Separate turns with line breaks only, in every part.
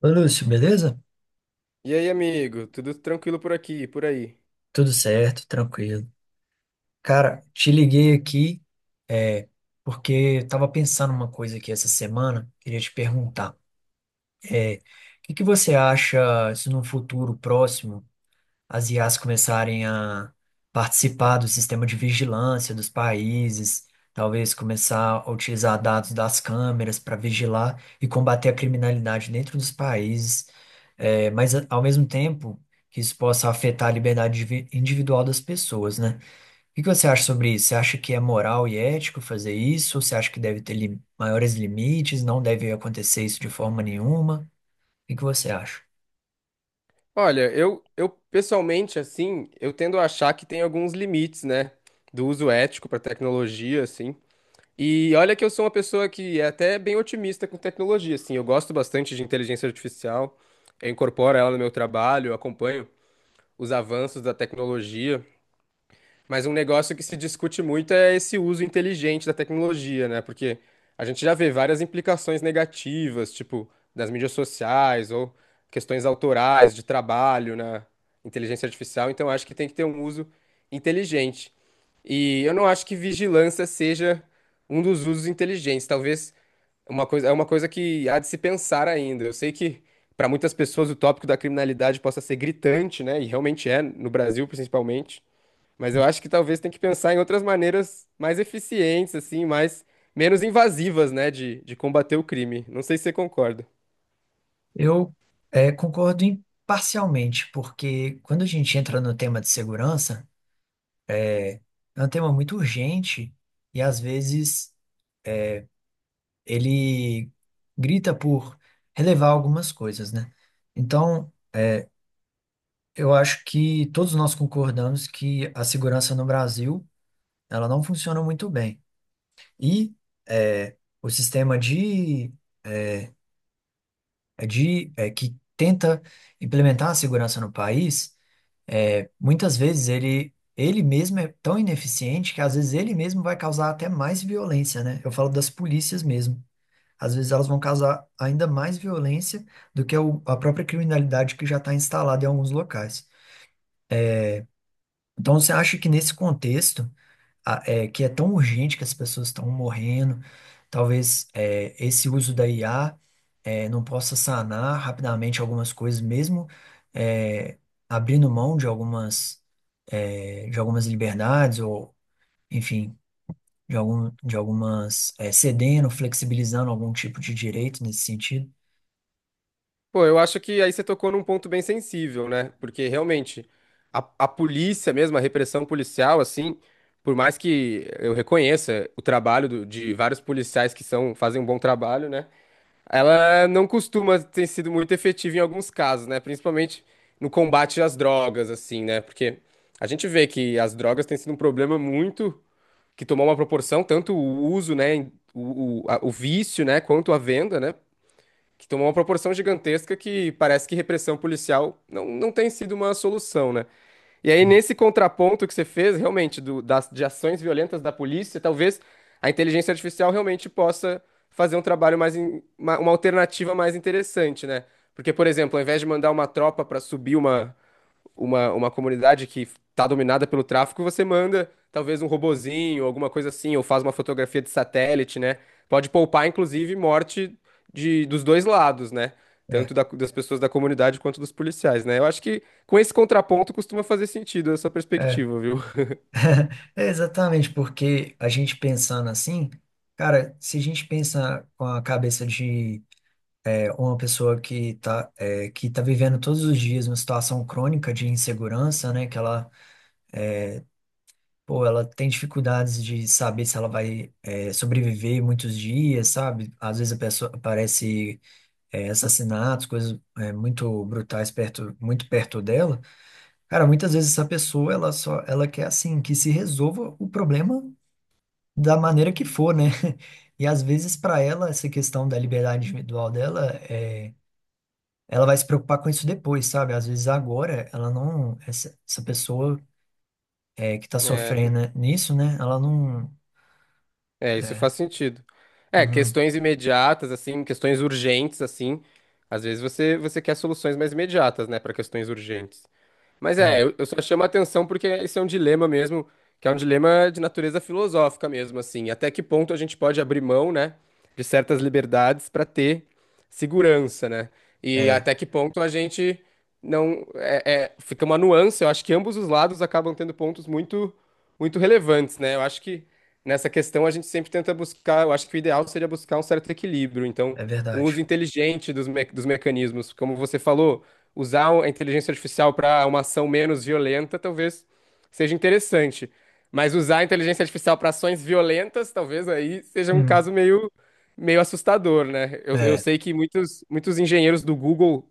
Ô, Lúcio, beleza?
E aí, amigo? Tudo tranquilo por aqui, e por aí?
Tudo certo, tranquilo. Cara, te liguei aqui, é, porque eu tava pensando uma coisa aqui essa semana, queria te perguntar. O que que você acha se num futuro próximo. As IAs começarem a participar do sistema de vigilância dos países, talvez começar a utilizar dados das câmeras para vigilar e combater a criminalidade dentro dos países, Mas ao mesmo tempo que isso possa afetar a liberdade individual das pessoas, né? O que que você acha sobre isso? Você acha que é moral e ético fazer isso? Você acha que deve ter maiores limites? Não deve acontecer isso de forma nenhuma? O que que você acha?
Olha, eu pessoalmente, assim, eu tendo a achar que tem alguns limites, né, do uso ético para tecnologia, assim. E olha que eu sou uma pessoa que é até bem otimista com tecnologia, assim. Eu gosto bastante de inteligência artificial, eu incorporo ela no meu trabalho, eu acompanho os avanços da tecnologia. Mas um negócio que se discute muito é esse uso inteligente da tecnologia, né? Porque a gente já vê várias implicações negativas, tipo, das mídias sociais ou questões autorais de trabalho na inteligência artificial. Então, acho que tem que ter um uso inteligente. E eu não acho que vigilância seja um dos usos inteligentes. Talvez uma coisa, é uma coisa que há de se pensar ainda. Eu sei que para muitas pessoas o tópico da criminalidade possa ser gritante, né? E realmente é, no Brasil principalmente. Mas eu acho que talvez tem que pensar em outras maneiras mais eficientes, assim, mais menos invasivas, né, de combater o crime. Não sei se você concorda.
Eu concordo parcialmente, porque quando a gente entra no tema de segurança, é um tema muito urgente e às vezes ele grita por relevar algumas coisas, né? Então, eu acho que todos nós concordamos que a segurança no Brasil, ela não funciona muito bem. E eh, o sistema de, que tenta implementar a segurança no país. Muitas vezes ele, ele mesmo é tão ineficiente que às vezes ele mesmo vai causar até mais violência, né? Eu falo das polícias mesmo. Às vezes elas vão causar ainda mais violência do que a própria criminalidade que já está instalada em alguns locais. Então, você acha que nesse contexto que é tão urgente que as pessoas estão morrendo. Talvez esse uso da IA não possa sanar rapidamente algumas coisas, mesmo é, abrindo mão de algumas, de algumas liberdades, ou, enfim, de algumas, cedendo, flexibilizando algum tipo de direito nesse sentido.
Pô, eu acho que aí você tocou num ponto bem sensível, né? Porque realmente a polícia mesmo, a repressão policial, assim, por mais que eu reconheça o trabalho do- de vários policiais que são, fazem um bom trabalho, né? Ela não costuma ter sido muito efetiva em alguns casos, né? Principalmente no combate às drogas, assim, né? Porque a gente vê que as drogas têm sido um problema muito que tomou uma proporção, tanto o uso, né? Em- O a- o vício, né? Quanto a venda, né? Que tomou uma proporção gigantesca que parece que repressão policial não tem sido uma solução, né? E aí,
Hum.
nesse contraponto que você fez, realmente, do- das, de ações violentas da polícia, talvez a inteligência artificial realmente possa fazer um trabalho mais, in- uma alternativa mais interessante, né? Porque, por exemplo, ao invés de mandar uma tropa para subir uma, uma comunidade que está dominada pelo tráfico, você manda talvez um robozinho, alguma coisa assim, ou faz uma fotografia de satélite, né? Pode poupar, inclusive, morte de, dos dois lados, né?
É,
Tanto da- das pessoas da comunidade quanto dos policiais, né? Eu acho que com esse contraponto costuma fazer sentido essa
é.
perspectiva, viu?
É exatamente, porque a gente pensando assim, cara, se a gente pensa com a cabeça de uma pessoa que tá, que tá vivendo todos os dias uma situação crônica de insegurança, né? Que ela, pô, ela tem dificuldades de saber se ela vai, sobreviver muitos dias, sabe? Às vezes a pessoa aparece, assassinatos, coisas, muito brutais perto, muito perto dela. Cara, muitas vezes essa pessoa, ela só, ela quer, assim, que se resolva o problema da maneira que for, né? E às vezes para ela essa questão da liberdade individual dela é ela vai se preocupar com isso depois, sabe? Às vezes agora ela não, essa pessoa que tá
É,
sofrendo nisso, né? Ela não,
é, isso faz
é,
sentido. É,
uhum,
questões imediatas, assim, questões urgentes, assim. Às vezes você quer soluções mais imediatas, né, para questões urgentes. Mas é,
é,
eu só chamo a atenção porque esse é um dilema mesmo, que é um dilema de natureza filosófica mesmo, assim. Até que ponto a gente pode abrir mão, né, de certas liberdades para ter segurança, né? E
é,
até que ponto a gente não é, é- fica uma nuance. Eu acho que ambos os lados acabam tendo pontos muito, muito relevantes, né? Eu acho que nessa questão a gente sempre tenta buscar. Eu acho que o ideal seria buscar um certo equilíbrio. Então,
é,
um uso
verdade.
inteligente dos, me- dos mecanismos, como você falou, usar a inteligência artificial para uma ação menos violenta talvez seja interessante. Mas usar a inteligência artificial para ações violentas talvez aí seja um
Hum,
caso meio, meio assustador, né? Eu
é,
sei que muitos, muitos engenheiros do Google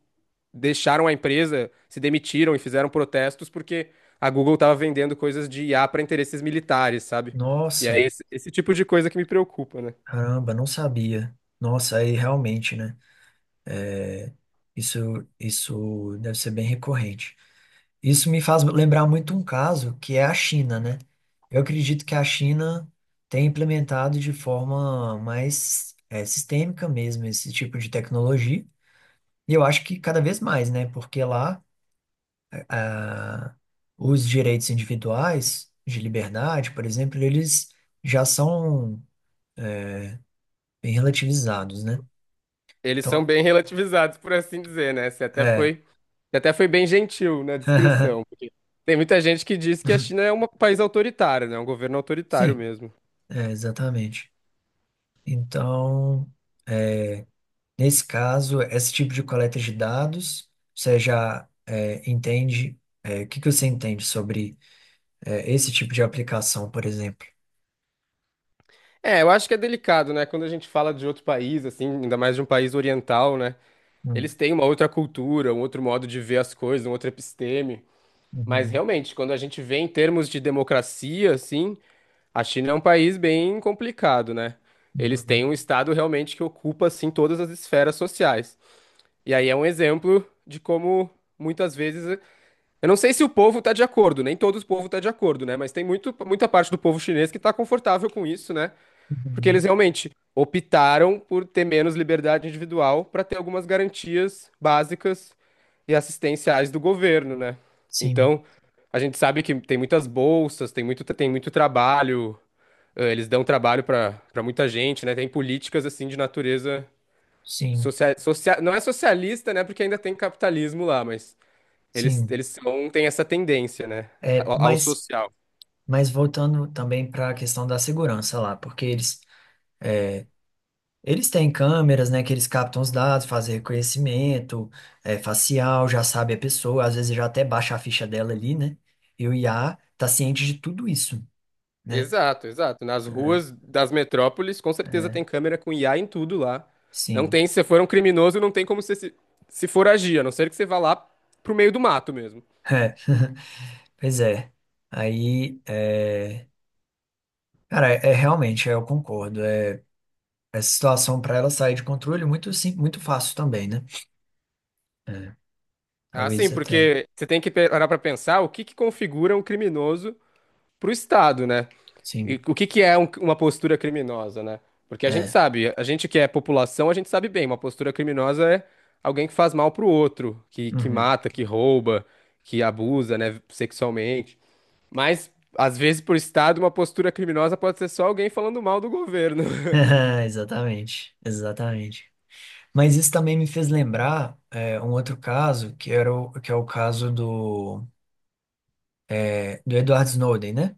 deixaram a empresa, se demitiram e fizeram protestos porque a Google estava vendendo coisas de IA para interesses militares, sabe? E é
nossa,
esse, esse tipo de coisa que me preocupa, né?
caramba, não sabia. Nossa, aí realmente, né? Isso, isso deve ser bem recorrente. Isso me faz lembrar muito um caso que é a China, né? Eu acredito que a China tem implementado de forma mais sistêmica mesmo esse tipo de tecnologia. E eu acho que cada vez mais, né? Porque lá ah, os direitos individuais de liberdade, por exemplo, eles já são bem relativizados, né?
Eles são
Então,
bem relativizados, por assim dizer, né?
é.
Você até foi bem gentil na descrição. Tem muita gente que diz que a China é um país autoritário, né? É um governo autoritário
Sim,
mesmo.
exatamente. Então, é, nesse caso, esse tipo de coleta de dados, você já entende. O que que você entende sobre esse tipo de aplicação, por exemplo?
É, eu, acho que é delicado, né? Quando a gente fala de outro país, assim, ainda mais de um país oriental, né? Eles
Hum,
têm uma outra cultura, um outro modo de ver as coisas, um outro episteme. Mas
uhum,
realmente, quando a gente vê em termos de democracia, assim, a China é um país bem complicado, né? Eles
uhum,
têm um estado realmente que ocupa, assim, todas as esferas sociais. E aí é um exemplo de como muitas vezes eu não sei se o povo está de acordo, nem todo o povo está de acordo, né? Mas tem muito, muita parte do povo chinês que está confortável com isso, né? Porque
uhum.
eles realmente optaram por ter menos liberdade individual para ter algumas garantias básicas e assistenciais do governo, né?
Sim,
Então, a gente sabe que tem muitas bolsas, tem muito trabalho, eles dão trabalho para muita gente, né? Tem políticas assim de natureza
sim,
social, social, não é socialista, né? Porque ainda tem capitalismo lá, mas eles,
sim.
eles são, têm essa tendência, né?
É,
Ao, ao
mas,
social.
mas, voltando também para a questão da segurança lá, porque eles têm câmeras, né, que eles captam os dados, fazem reconhecimento, facial, já sabe a pessoa, às vezes já até baixa a ficha dela ali, né? E o IA tá ciente de tudo isso, né?
Exato, exato. Nas
É,
ruas das metrópoles, com certeza
é,
tem câmera com IA em tudo lá. Não
sim.
tem, se você for um criminoso, não tem como você se, se foragir, a não ser que você vá lá pro meio do mato mesmo.
É, pois é. Aí, cara, é realmente, eu concordo. Essa situação para ela sair de controle é muito sim, muito fácil também, né? É,
Ah, sim,
Talvez até,
porque você tem que parar pra pensar o que que configura um criminoso pro Estado, né? E
sim.
o que que é um- uma postura criminosa, né? Porque a gente
É.
sabe, a gente que é população, a gente sabe bem, uma postura criminosa é alguém que faz mal pro outro, que
Uhum.
mata, que rouba, que abusa, né, sexualmente. Mas, às vezes, por Estado, uma postura criminosa pode ser só alguém falando mal do governo.
Exatamente, exatamente. Mas isso também me fez lembrar um outro caso, que era o, que é o caso do, do Edward Snowden, né?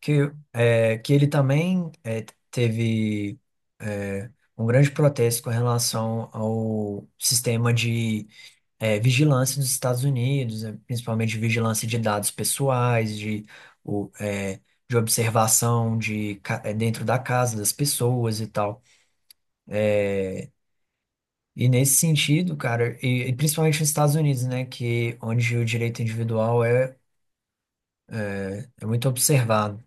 Que, que ele também teve é, um grande protesto com relação ao sistema de vigilância dos Estados Unidos, né? Principalmente de vigilância de dados pessoais, o, é, de observação de, dentro da casa das pessoas e tal. E nesse sentido, cara, e principalmente nos Estados Unidos, né, que onde o direito individual é muito observado.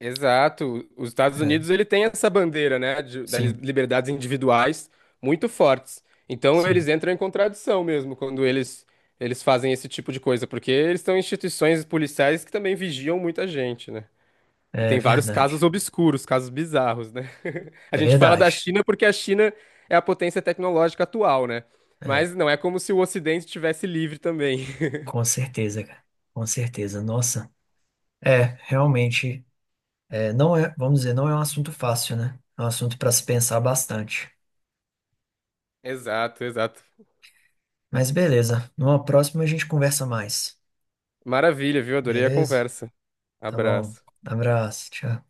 Exato. Os Estados
É,
Unidos ele tem essa bandeira, né, de, das
sim,
liberdades individuais muito fortes. Então
sim,
eles entram em contradição mesmo quando eles fazem esse tipo de coisa, porque eles são instituições policiais que também vigiam muita gente, né? E
é
tem vários casos
verdade.
obscuros, casos bizarros, né? A
É
gente fala da
verdade.
China porque a China é a potência tecnológica atual, né?
É,
Mas não é como se o Ocidente tivesse livre também.
com certeza, cara. Com certeza. Nossa, realmente, não é, vamos dizer, não é um assunto fácil, né? É um assunto para se pensar bastante.
Exato, exato.
Mas beleza, numa próxima a gente conversa mais.
Maravilha, viu? Adorei a
Beleza?
conversa.
Tá bom.
Abraço.
Abraço, tchau.